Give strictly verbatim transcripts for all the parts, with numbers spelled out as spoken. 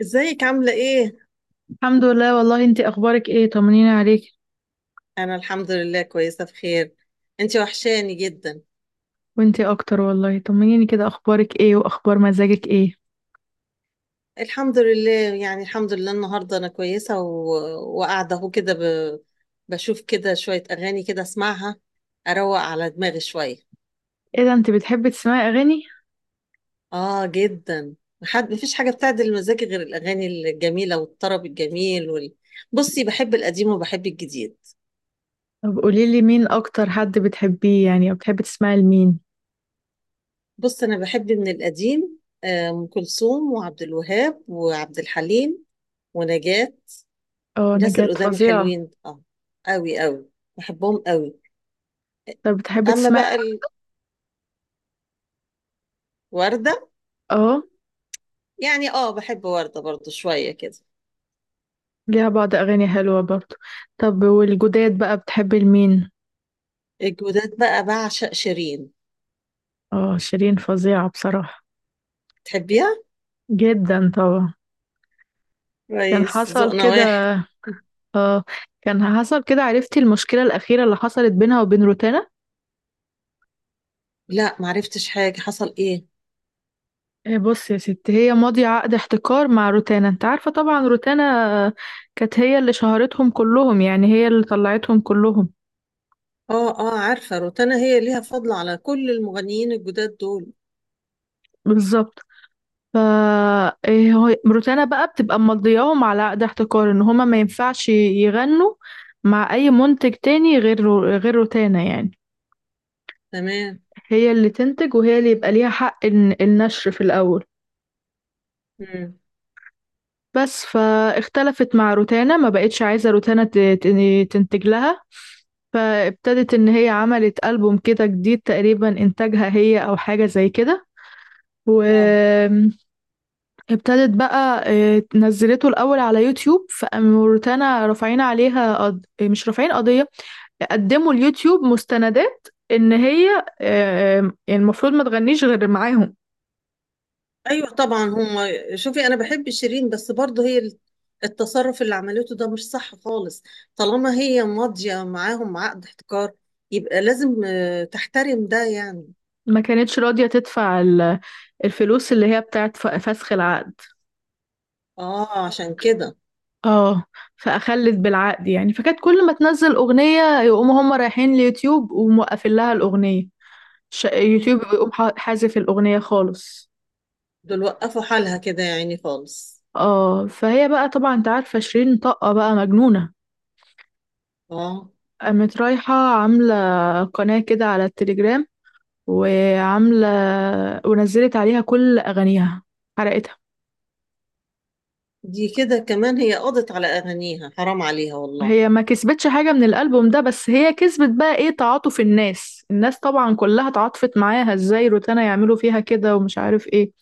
ازيك عاملة ايه؟ الحمد لله، والله انتي اخبارك ايه؟ طمنيني عليك. انا الحمد لله كويسة بخير. انتي وحشاني جدا. وانتي اكتر والله، طمنيني كده، اخبارك ايه واخبار مزاجك ايه؟ الحمد لله، يعني الحمد لله النهاردة انا كويسة و... وقاعدة اهو كده ب... بشوف كده شوية اغاني كده اسمعها، اروق على دماغي شوية. ايه ده، انتي بتحبي تسمعي اغاني؟ اه جدا. حد مفيش حاجة بتعدل مزاجي غير الاغاني الجميلة والطرب الجميل وال... بصي، بحب القديم وبحب الجديد. طب قوليلي مين اكتر حد بتحبيه يعني، او بتحبي تسمعي لمين؟ بص انا بحب من القديم، آه، ام كلثوم وعبد الوهاب وعبد الحليم ونجاة. اه، ناس نجاة القدام فظيعة. الحلوين، اه، قوي قوي. بحبهم قوي. طب بتحبي اما تسمعي. بقى الوردة، اه، يعني اه بحب وردة برضو شوية كده. ليها بعض اغاني حلوة برضو. طب والجداد بقى بتحبي لمين؟ الجودات بقى بعشق شيرين. اه، شيرين فظيعة بصراحة. تحبيها؟ جدا طبعا. كان كويس، حصل ذوقنا كده. واحد. اه. كان حصل كده، عرفتي المشكلة الأخيرة اللي حصلت بينها وبين روتانا؟ لا، معرفتش حاجة، حصل ايه؟ آه، بص يا ست، هي ماضية عقد احتكار مع روتانا، انت عارفة طبعا روتانا. آه، كانت هي اللي شهرتهم كلهم، يعني هي اللي طلعتهم كلهم. اه اه، عارفة روتانا هي ليها فضل على كل المغنيين الجداد دول. بالظبط. ف آه، هو- روتانا بقى بتبقى مضياهم على عقد احتكار، ان هما ما ينفعش يغنوا مع اي منتج تاني غير رو- غير روتانا يعني. تمام. هي اللي تنتج، وهي اللي يبقى ليها حق الن- النشر في الاول. مم. بس فاختلفت مع روتانا، ما بقتش عايزة روتانا ت- ت- تنتج لها. فابتدت ان هي عملت ألبوم كده جديد، تقريبا انتاجها هي او حاجة زي كده. اه. وابتدت بقى آه، نزلته الاول على يوتيوب، فالموريتانا رافعين عليها قض... آه، مش رافعين قضية، قدموا اليوتيوب مستندات ان هي آه، آه، المفروض ما تغنيش غير معاهم. ايوه طبعا هم. شوفي، انا بحب شيرين بس برضه هي التصرف اللي عملته ده مش صح خالص. طالما هي ماضيه معاهم عقد احتكار يبقى لازم آه، تحترم ده يعني. ما كانتش راضية تدفع ال- الفلوس اللي هي بتاعت ف- فسخ العقد. اه عشان كده. اه. فأخلت بالعقد يعني، فكانت كل ما تنزل أغنية يقوموا هم رايحين اليوتيوب وموقفين لها الأغنية. ش- يوتيوب يقوم ح- حازف الأغنية خالص. دول وقفوا حالها كده يعني خالص. اه. فهي بقى، طبعا انت عارفة شيرين طاقة بقى مجنونة، اه. قامت رايحة عاملة قناة كده على التليجرام، وعاملة ونزلت عليها كل أغانيها، حرقتها. دي كده كمان هي قضت على اغانيها، حرام عليها والله. هي ما كسبتش حاجة من الألبوم ده، بس هي كسبت بقى ايه، تعاطف الناس. الناس طبعا كلها تعاطفت معاها. ازاي روتانا يعملوا فيها كده ومش عارف ايه.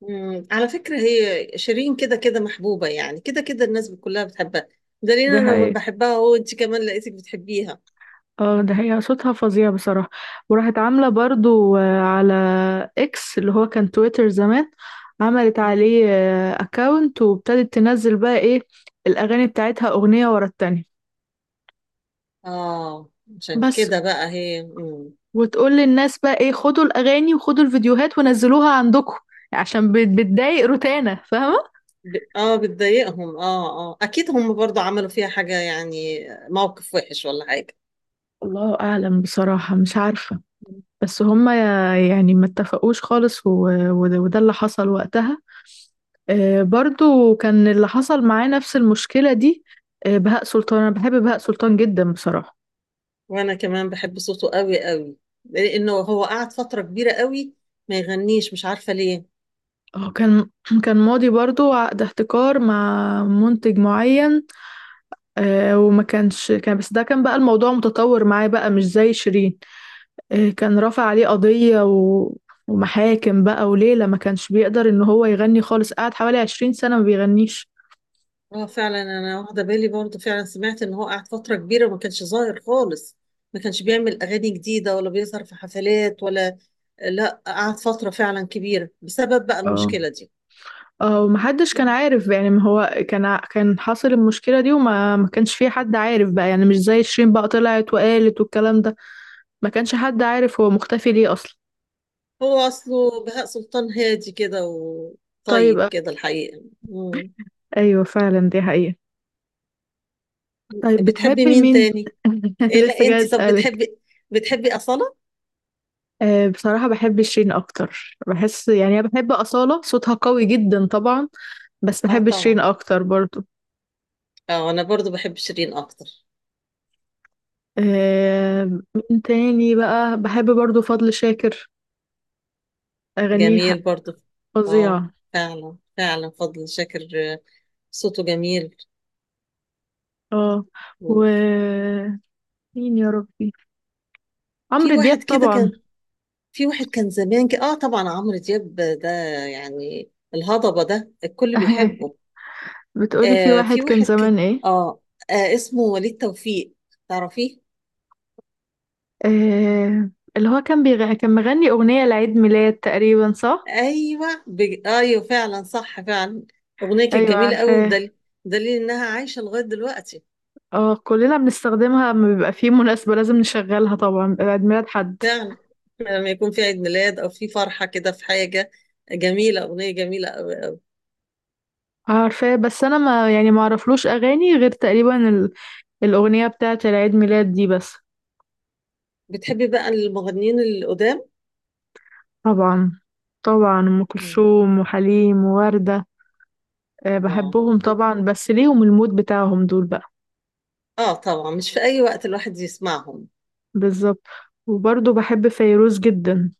مم. على فكرة هي شيرين كده كده محبوبة، يعني كده كده الناس كلها بتحبها. دليل ده انا هي. بحبها وانت كمان لقيتك بتحبيها. اه، ده هي صوتها فظيع بصراحة. وراحت عاملة برضو آه، على اكس، اللي هو كان تويتر زمان، عملت مم. عليه اكاونت وابتدت تنزل بقى ايه الأغاني بتاعتها، أغنية ورا التانية. اه عشان بس. كده بقى هي مم. وتقول للناس بقى ايه، خدوا الأغاني وخدوا الفيديوهات ونزلوها عندكم، عشان بت- بتضايق روتانا، فاهمة. ب... اه بتضايقهم، اه اه اكيد هم برضو عملوا فيها حاجة يعني موقف وحش ولا حاجة. الله أعلم بصراحة، مش عارفة. مم. بس هما يعني ما اتفقوش خالص و- و- وده اللي حصل وقتها. آه، برضو كان اللي حصل معاه نفس المشكلة دي. آه، بهاء سلطان، أنا بحب بهاء سلطان جدا بصراحة. وانا كمان بحب صوته قوي قوي، لانه هو قعد فترة كبيرة قوي ما يغنيش، مش عارفة ليه. اه، كان كان ماضي برضو عقد احتكار مع منتج معين. آه، وما كانش، كان بس ده كان بقى الموضوع متطور معاه، بقى مش زي شيرين. آه، كان رافع عليه قضية و ومحاكم بقى، وليلة ما كانش بيقدر ان هو يغني خالص، قعد حوالي عشرين سنة ما بيغنيش. اه فعلا، انا واخدة بالي برضو، فعلا سمعت ان هو قعد فترة كبيرة وما كانش ظاهر خالص، ما كانش بيعمل اغاني جديدة ولا بيظهر في حفلات ولا، لا قعد فترة فعلا كبيرة بسبب بقى اه. المشكلة دي. ومحدش كان عارف بقى، يعني ما هو كان ع- كان حاصل المشكلة دي، وما ما كانش في حد عارف بقى، يعني مش زي شيرين بقى طلعت وقالت والكلام ده. ما كانش حد عارف هو مختفي ليه أصلا. هو أصله بهاء سلطان هادي كده طيب وطيب آه، كده الحقيقة. مم. أيوة فعلا، دي حقيقة. طيب بتحبي بتحبي مين مين؟ تاني؟ إيه، لسه لا جاي أنت طب أسألك. بتحبي بتحبي أصالة؟ أه بصراحة بحب شيرين أكتر. بحس يعني، أنا بحب أصالة صوتها قوي جدا طبعا، بس آه بحب شيرين طبعا. أكتر برضو. آه أنا برضو بحب شيرين أكتر. أه، مين تاني بقى بحب برضو؟ فضل شاكر، أغانيه جميل برضو. آه فظيعة. فعلا فعلا فضل شاكر آه، صوته جميل. اه. و وفي مين يا ربي، عمرو دياب واحد كده طبعا. كان، في واحد كان زمان كده، آه طبعا عمرو دياب ده يعني الهضبة ده الكل بيحبه. بتقولي في آه واحد في كان واحد كان زمان ايه؟ آه, آه اسمه وليد توفيق، تعرفيه؟ آه... اللي هو كان بيغ... كان مغني اغنية لعيد ميلاد تقريبا، صح؟ ايوه بج... ايوه فعلا صح فعلا، اغنيه كانت ايوه جميله قوي، عارفاه. بدليل دليل انها عايشه لغايه دلوقتي. اه، كلنا بنستخدمها لما بيبقى في مناسبة لازم نشغلها طبعا، بيبقى عيد ميلاد حد. فعلا لما يكون في عيد ميلاد او في فرحه كده في حاجه جميله، اغنيه جميله قوي. عارفاه بس انا ما يعني ما اعرفلوش اغاني غير تقريبا ال... الاغنية بتاعة العيد ميلاد دي بس. بتحبي بقى المغنيين القدام؟ طبعا. طبعا ام مم. كلثوم وحليم ووردة. آه، اه بحبهم طبعا بس ليهم المود بتاعهم دول بقى. اه طبعا، مش في اي وقت الواحد يسمعهم. بالظبط. وبرضه بحب فيروز جدا.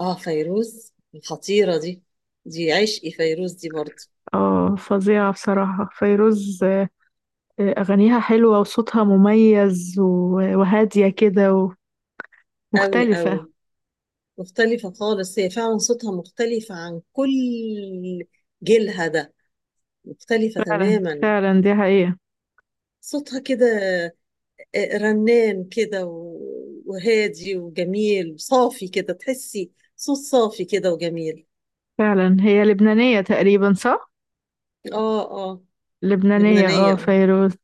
اه فيروز الخطيره دي، دي عشقي فيروز دي برضه. اه، فظيعة بصراحة فيروز. آه، أغانيها حلوة وصوتها مميز و- وهادية كده قوي ومختلفة. قوي. مختلفه خالص، هي فعلا صوتها مختلف عن كل جيلها ده. مختلفة فعلا تماما. فعلا، دي حقيقة. صوتها كده آه، رنان كده و- وهادي وجميل صافي كده، تحسي صوت صافي كده وجميل. فعلا هي لبنانية تقريبا، صح؟ اه اه. لبنانية لبنانية اه، آه. فيروز.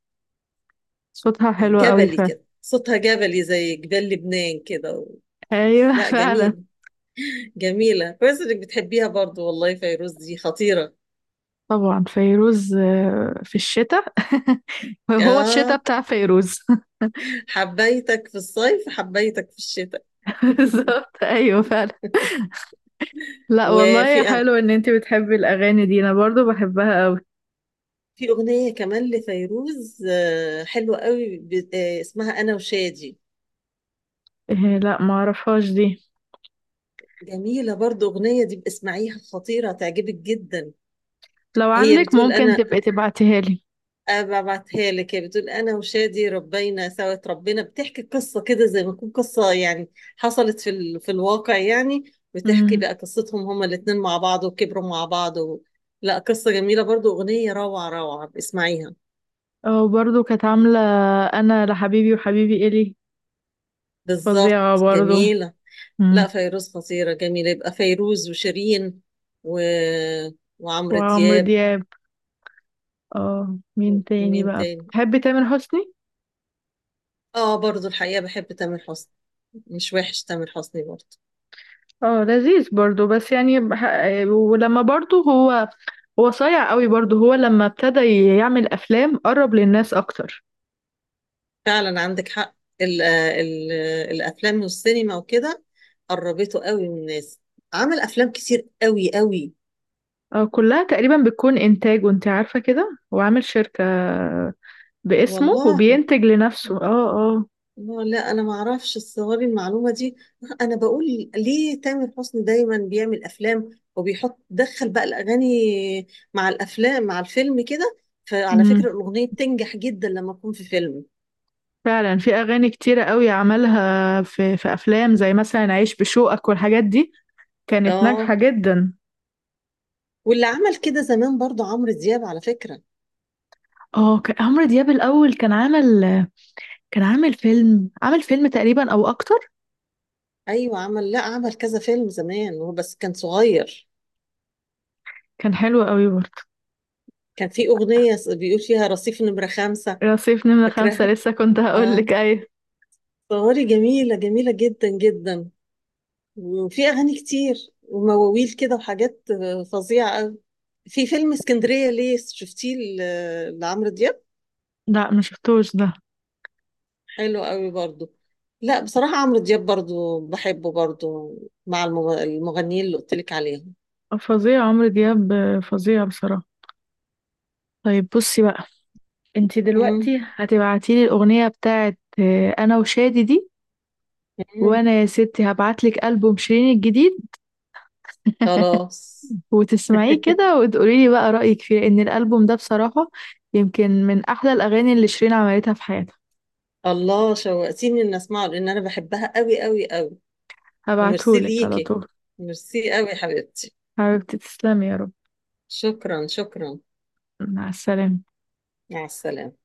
صوتها حلو قوي جبلي فعلا. كده صوتها، جبلي زي جبال لبنان كده و... ايوه لا فعلا. جميل. جميلة كويس انك بتحبيها برضو، والله فيروز دي خطيرة. طبعا فيروز آه، في الشتاء. هو الشتاء اه، بتاع فيروز. حبيتك في الصيف حبيتك في الشتاء. بالظبط، ايوه فعلا. لا والله، وفي، حلو ان انتي بتحبي الاغاني دي، انا برضو بحبها قوي. في أغنية كمان لفيروز آه، حلوة قوي ب- آه، اسمها أنا وشادي. إيه، لا ما اعرفهاش دي. جميلة برضو أغنية دي، اسمعيها، خطيرة تعجبك جدا. لو هي عندك بتقول ممكن أنا تبقي تبعتيها لي. آه، ببعتها لك. هي بتقول أنا وشادي ربينا سوا ربنا، بتحكي قصة كده زي ما تكون قصة يعني حصلت في ال... في الواقع يعني، بتحكي امم. بقى قصتهم هما الاتنين مع بعض وكبروا مع بعض و... لا قصة جميلة برضو، أغنية روعة روعة، اسمعيها. او برضو كانت عامله انا لحبيبي وحبيبي الي. بالظبط فظيعه برضو. جميلة. لا امم. فيروز خطيرة جميلة. يبقى فيروز وشيرين و... وعمرو وعمرو دياب. دياب. اه، مين تاني مين بقى تاني؟ بتحبي؟ تامر حسني. اه برضو الحقيقة بحب تامر حسني، مش وحش تامر حسني برضو. اه، لذيذ برضو، بس يعني بح... ولما برضو هو، هو صايع قوي برضو، هو لما ابتدى يعمل افلام قرب للناس اكتر. فعلا عندك حق، ال... ال... الأفلام والسينما وكده قربته قوي من الناس. عمل أفلام كتير قوي قوي. آه، كلها تقريبا بتكون انتاج، وانت عارفة كده، هو عامل شركة باسمه والله؟ وبينتج لنفسه. اه اه. لا لا، انا ما اعرفش الصواري المعلومه دي. انا بقول ليه تامر حسني دايما بيعمل افلام وبيحط دخل بقى الاغاني مع الافلام مع الفيلم كده. فعلى امم. فكره الاغنيه بتنجح جدا لما تكون في فيلم. فعلا، في اغاني كتيرة قوي عملها في في افلام زي مثلا عيش بشوقك والحاجات دي، كانت ناجحة اه، جدا. واللي عمل كده زمان برضو عمرو دياب على فكره. اه. كان عمرو دياب الاول، كان عامل كان عامل فيلم، عامل فيلم تقريبا او اكتر. ايوه عمل، لا عمل كذا فيلم زمان هو بس كان صغير. كان حلو قوي برضه. كان في اغنيه بيقول فيها رصيف نمره خمسة، رصيف نمرة خمسة، فاكراها؟ لسه كنت هقول اه، لك ايه. صواري جميله جميله جدا جدا. وفي اغاني كتير ومواويل كده وحاجات آه، فظيعه قوي. في فيلم اسكندريه ليه شفتيه ل- لعمرو دياب؟ لا، ما شفتوش ده. حلو قوي برضو. لا بصراحه عمرو دياب برضو بحبه برضو، مع المغ- المغنيين اللي قلت لك عليهم. فظيع عمرو دياب، فظيع بصراحة. طيب بصي بقى، انتي مم. دلوقتي هتبعتيلي الأغنية بتاعت آه، أنا وشادي دي، مم. وأنا يا ستي هبعتلك ألبوم شيرين الجديد خلاص. وتسمعيه كده وتقوليلي بقى رأيك فيه، لأن الألبوم ده بصراحة يمكن من أحلى الأغاني اللي شيرين عملتها في حياتها. الله شوقتيني ان اسمعه، لان انا بحبها قوي قوي قوي. وميرسي هبعتهولك على ليكي، طول. ميرسي قوي يا حبيبتي. حبيبتي تسلمي يا رب. شكرا شكرا. مع السلامة. مع السلامه.